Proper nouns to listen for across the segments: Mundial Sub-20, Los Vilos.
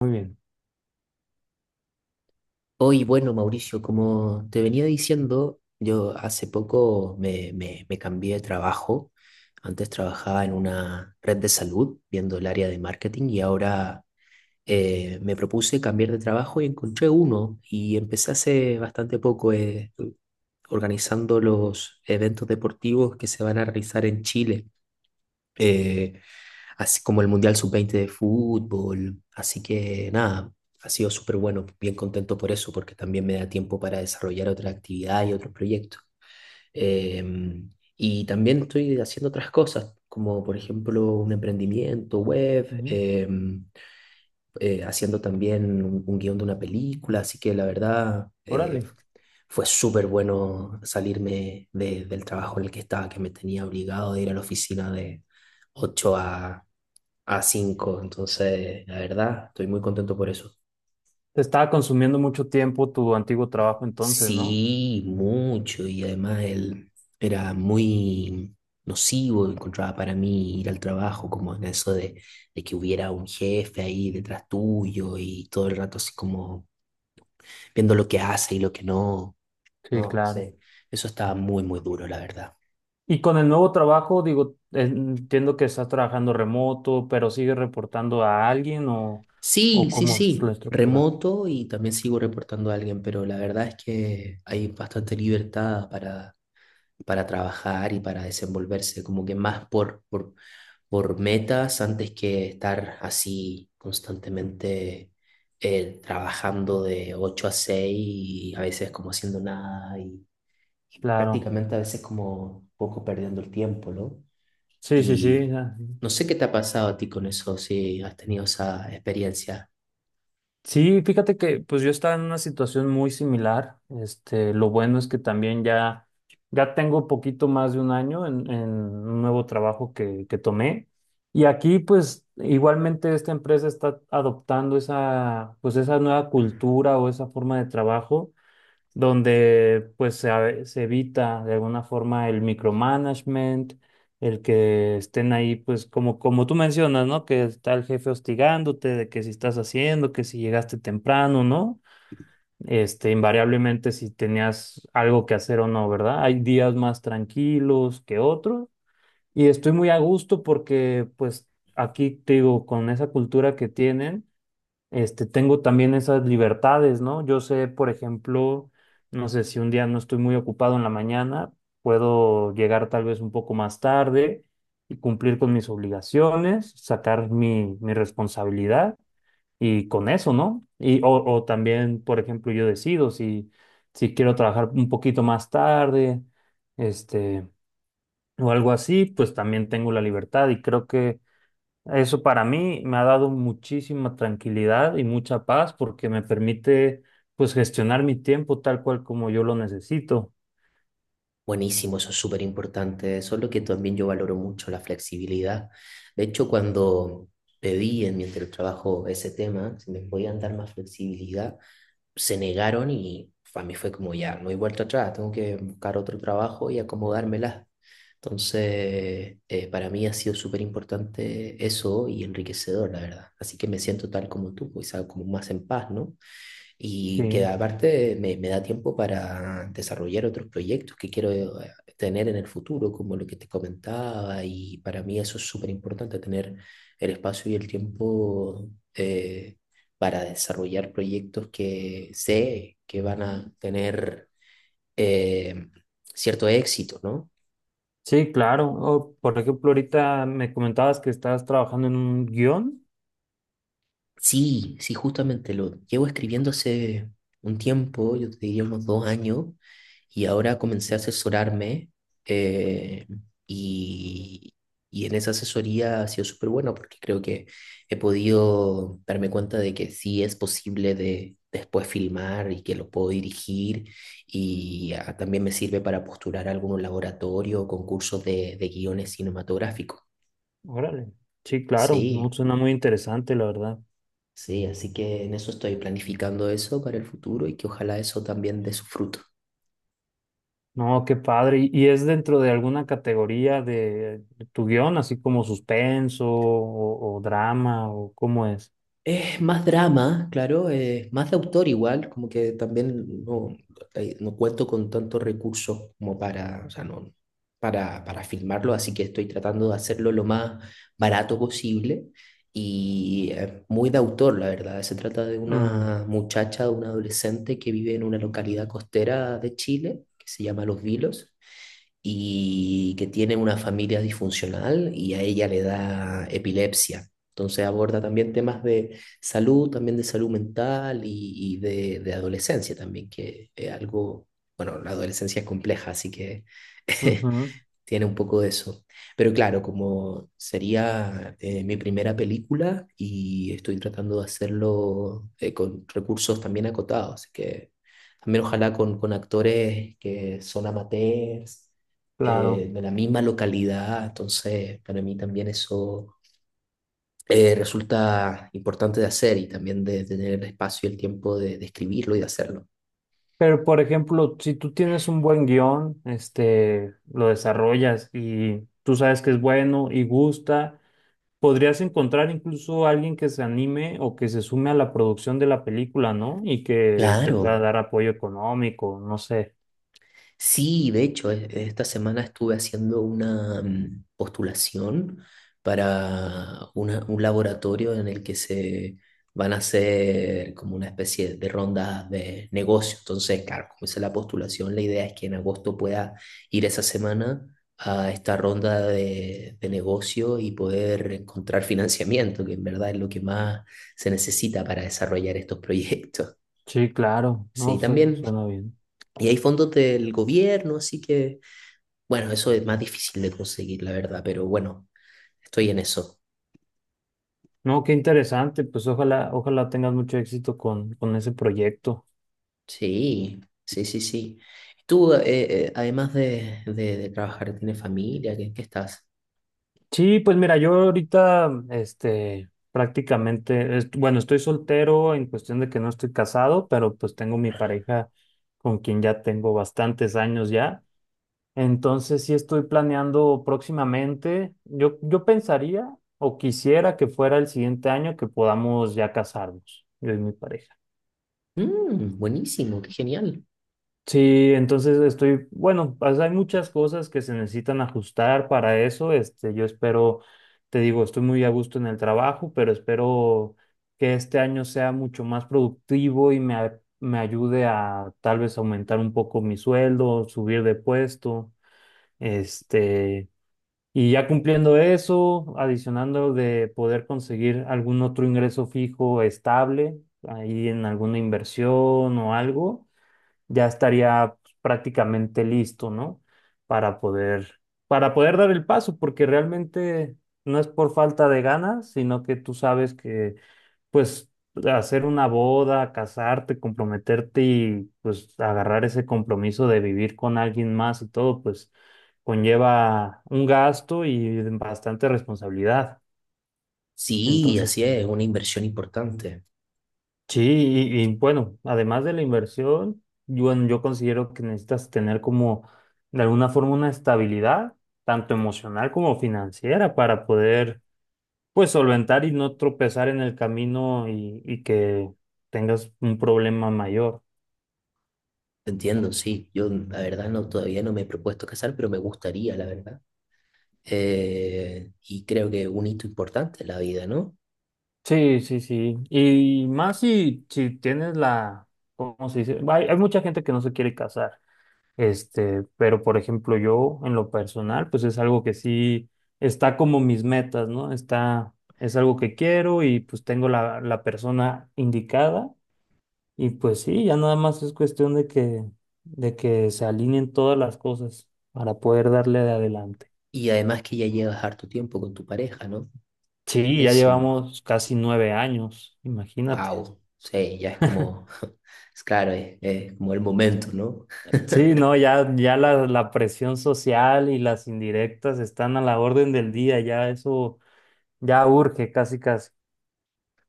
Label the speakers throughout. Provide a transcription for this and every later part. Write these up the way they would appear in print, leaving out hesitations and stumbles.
Speaker 1: Muy bien.
Speaker 2: Hoy, bueno, Mauricio, como te venía diciendo, yo hace poco me cambié de trabajo. Antes trabajaba en una red de salud, viendo el área de marketing, y ahora me propuse cambiar de trabajo y encontré uno. Y empecé hace bastante poco organizando los eventos deportivos que se van a realizar en Chile. Eh, Así como el Mundial Sub-20 de fútbol. Así que nada, ha sido súper bueno, bien contento por eso, porque también me da tiempo para desarrollar otra actividad y otros proyectos. Em, y también estoy haciendo otras cosas, como por ejemplo un emprendimiento web.
Speaker 1: Ujú.
Speaker 2: Haciendo también un guión de una película, así que la verdad
Speaker 1: Órale.
Speaker 2: fue súper bueno salirme del trabajo en el que estaba, que me tenía obligado de ir a la oficina de 8 a cinco. Entonces la verdad estoy muy contento por eso.
Speaker 1: Te estaba consumiendo mucho tiempo tu antiguo trabajo entonces, ¿no?
Speaker 2: Sí, mucho, y además él era muy nocivo, encontraba para mí ir al trabajo, como en eso de que hubiera un jefe ahí detrás tuyo y todo el rato así como viendo lo que hace y lo que no.
Speaker 1: Sí,
Speaker 2: No
Speaker 1: claro.
Speaker 2: sé, eso estaba muy, muy duro, la verdad.
Speaker 1: Y con el nuevo trabajo, digo, entiendo que estás trabajando remoto, pero sigues reportando a alguien
Speaker 2: Sí,
Speaker 1: o
Speaker 2: sí,
Speaker 1: cómo es la
Speaker 2: sí,
Speaker 1: estructura.
Speaker 2: remoto y también sigo reportando a alguien, pero la verdad es que hay bastante libertad para trabajar y para desenvolverse, como que más por metas antes que estar así constantemente trabajando de 8 a 6 y a veces como haciendo nada y
Speaker 1: Claro.
Speaker 2: prácticamente a veces como un poco perdiendo el tiempo, ¿no?
Speaker 1: Sí, sí, sí.
Speaker 2: Y no sé qué te ha pasado a ti con eso, si has tenido esa experiencia.
Speaker 1: Sí, fíjate que pues yo estaba en una situación muy similar. Este, lo bueno es que también ya tengo poquito más de un año en un nuevo trabajo que tomé. Y aquí pues igualmente esta empresa está adoptando esa, pues esa nueva cultura o esa forma de trabajo donde pues se, se evita de alguna forma el micromanagement, el que estén ahí pues como, como tú mencionas, ¿no? Que está el jefe hostigándote de que si estás haciendo, que si llegaste temprano, ¿no? Este, invariablemente si tenías algo que hacer o no, ¿verdad? Hay días más tranquilos que otros y estoy muy a gusto porque pues aquí te digo, con esa cultura que tienen este, tengo también esas libertades, ¿no? Yo sé, por ejemplo, no sé si un día no estoy muy ocupado en la mañana, puedo llegar tal vez un poco más tarde y cumplir con mis obligaciones, sacar mi responsabilidad y con eso, ¿no? Y, o también, por ejemplo, yo decido si, si quiero trabajar un poquito más tarde, este, o algo así, pues también tengo la libertad y creo que eso para mí me ha dado muchísima tranquilidad y mucha paz porque me permite pues gestionar mi tiempo tal cual como yo lo necesito.
Speaker 2: Buenísimo, eso es súper importante. Eso es lo que también yo valoro mucho, la flexibilidad. De hecho, cuando pedí en mi trabajo ese tema, si me podían dar más flexibilidad, se negaron y para mí fue como ya, no hay vuelta atrás, tengo que buscar otro trabajo y acomodármela. Entonces, para mí ha sido súper importante eso y enriquecedor, la verdad. Así que me siento tal como tú, quizá como más en paz, ¿no? Y que
Speaker 1: Sí,
Speaker 2: aparte me da tiempo para desarrollar otros proyectos que quiero tener en el futuro, como lo que te comentaba, y para mí eso es súper importante, tener el espacio y el tiempo eh, para desarrollar proyectos que sé que van a tener eh, cierto éxito, ¿no?
Speaker 1: sí, claro. O, por ejemplo, ahorita me comentabas que estabas trabajando en un guión.
Speaker 2: Sí, sí, justamente lo llevo escribiendo hace un tiempo, yo te diría unos dos años, y ahora comencé a asesorarme eh, y, y en esa asesoría ha sido súper bueno porque creo que he podido darme cuenta de que sí es posible de después filmar y que lo puedo dirigir y ah, también me sirve para postular a algunos laboratorios o concursos de guiones cinematográficos.
Speaker 1: Órale. Sí, claro. No,
Speaker 2: Sí.
Speaker 1: suena muy interesante, la verdad.
Speaker 2: Sí, así que en eso estoy planificando eso para el futuro y que ojalá eso también dé su fruto.
Speaker 1: No, qué padre. ¿Y es dentro de alguna categoría de tu guión, así como suspenso o drama o cómo es?
Speaker 2: Es más drama, claro, es más de autor igual, como que también no, no cuento con tantos recursos como para, o sea, no, para filmarlo, así que estoy tratando de hacerlo lo más barato posible y muy de autor, la verdad. Se trata de
Speaker 1: Mm,
Speaker 2: una muchacha, de una adolescente que vive en una localidad costera de Chile, que se llama Los Vilos, y que tiene una familia disfuncional y a ella le da epilepsia. Entonces aborda también temas de salud, también de salud mental y de adolescencia también, que es algo, bueno, la adolescencia es compleja, así que
Speaker 1: ujú,
Speaker 2: tiene un poco de eso. Pero claro, como sería mi primera película y estoy tratando de hacerlo con recursos también acotados, así que también ojalá con actores que son amateurs.
Speaker 1: claro.
Speaker 2: De la misma localidad, entonces para mí también eso resulta importante de hacer y también de, tener el espacio y el tiempo de escribirlo y de hacerlo.
Speaker 1: Pero, por ejemplo, si tú tienes un buen guión, este, lo desarrollas y tú sabes que es bueno y gusta, podrías encontrar incluso a alguien que se anime o que se sume a la producción de la película, ¿no? Y que te pueda
Speaker 2: Claro.
Speaker 1: dar apoyo económico, no sé.
Speaker 2: Sí, de hecho, esta semana estuve haciendo una postulación para un laboratorio en el que se van a hacer como una especie de ronda de negocio. Entonces, claro, como hice la postulación, la idea es que en agosto pueda ir esa semana a esta ronda de negocio y poder encontrar financiamiento, que en verdad es lo que más se necesita para desarrollar estos proyectos.
Speaker 1: Sí, claro, no,
Speaker 2: Sí, también.
Speaker 1: suena bien.
Speaker 2: Y hay fondos del gobierno, así que… Bueno, eso es más difícil de conseguir, la verdad, pero bueno, estoy en eso.
Speaker 1: No, qué interesante, pues ojalá, ojalá tengas mucho éxito con ese proyecto.
Speaker 2: Sí, sí, sí, sí. Tú, además de trabajar, ¿tienes familia? ¿Qué estás?
Speaker 1: Sí, pues mira, yo ahorita, este, prácticamente, bueno, estoy soltero en cuestión de que no estoy casado, pero pues tengo mi pareja con quien ya tengo bastantes años ya. Entonces sí estoy planeando próximamente. Yo pensaría o quisiera que fuera el siguiente año que podamos ya casarnos, yo y mi pareja.
Speaker 2: Buenísimo, qué genial.
Speaker 1: Sí, entonces estoy, bueno, pues hay muchas cosas que se necesitan ajustar para eso. Este, yo espero, te digo, estoy muy a gusto en el trabajo, pero espero que este año sea mucho más productivo y me, me ayude a tal vez aumentar un poco mi sueldo, subir de puesto, este, y ya cumpliendo eso, adicionando de poder conseguir algún otro ingreso fijo estable, ahí en alguna inversión o algo ya estaría pues, prácticamente listo, ¿no? Para poder, para poder dar el paso, porque realmente no es por falta de ganas, sino que tú sabes que, pues, hacer una boda, casarte, comprometerte y, pues, agarrar ese compromiso de vivir con alguien más y todo, pues, conlleva un gasto y bastante responsabilidad.
Speaker 2: Sí,
Speaker 1: Entonces,
Speaker 2: así
Speaker 1: sí.
Speaker 2: es, una inversión importante.
Speaker 1: Sí, y, bueno, además de la inversión, yo, bueno, yo considero que necesitas tener como de alguna forma una estabilidad, tanto emocional como financiera, para poder pues solventar y no tropezar en el camino y que tengas un problema mayor.
Speaker 2: Te entiendo, sí. Yo, la verdad, no, todavía no me he propuesto casar, pero me gustaría, la verdad. Y creo que un hito importante en la vida, ¿no?
Speaker 1: Sí, sí, sí. Y más si, si tienes la, ¿cómo se dice? Hay mucha gente que no se quiere casar. Este, pero por ejemplo, yo en lo personal, pues es algo que sí está como mis metas, ¿no? Está, es algo que quiero y pues tengo la persona indicada y pues sí, ya nada más es cuestión de que se alineen todas las cosas para poder darle de adelante.
Speaker 2: Y además que ya llevas harto tiempo con tu pareja, ¿no?
Speaker 1: Sí, ya
Speaker 2: Buenísimo.
Speaker 1: llevamos casi 9 años, imagínate.
Speaker 2: Wow, sí, ya es como, es claro, es como el momento, ¿no?
Speaker 1: Sí, no, ya la presión social y las indirectas están a la orden del día, ya eso ya urge casi casi.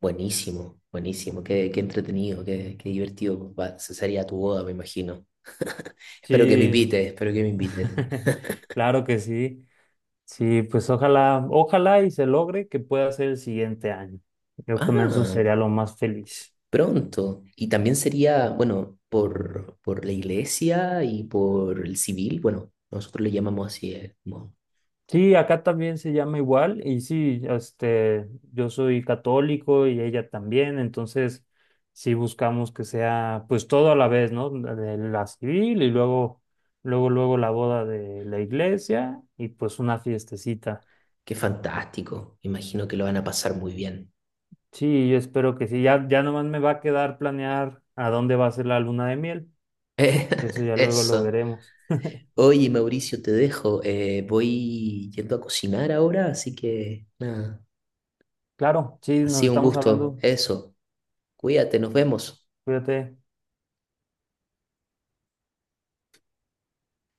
Speaker 2: Buenísimo, buenísimo, qué entretenido, qué divertido. Va, se sería tu boda, me imagino. Espero que me
Speaker 1: Sí,
Speaker 2: invites, espero que me invites.
Speaker 1: claro que sí. Sí, pues ojalá, ojalá y se logre que pueda ser el siguiente año. Yo con eso
Speaker 2: Ah,
Speaker 1: sería lo más feliz.
Speaker 2: pronto. Y también sería, bueno, por la iglesia y por el civil, bueno, nosotros le llamamos así, como,
Speaker 1: Sí, acá también se llama igual y sí, este, yo soy católico y ella también, entonces sí buscamos que sea pues todo a la vez, ¿no? La de la civil y luego, luego la boda de la iglesia y pues una fiestecita.
Speaker 2: qué fantástico, imagino que lo van a pasar muy bien.
Speaker 1: Sí, yo espero que sí. Ya, ya nomás me va a quedar planear a dónde va a ser la luna de miel. Eso ya luego lo
Speaker 2: Eso.
Speaker 1: veremos.
Speaker 2: Oye, Mauricio, te dejo. Voy yendo a cocinar ahora, así que nada,
Speaker 1: Claro, sí,
Speaker 2: ha
Speaker 1: nos
Speaker 2: sido un
Speaker 1: estamos
Speaker 2: gusto.
Speaker 1: hablando.
Speaker 2: Eso, cuídate, nos vemos.
Speaker 1: Cuídate.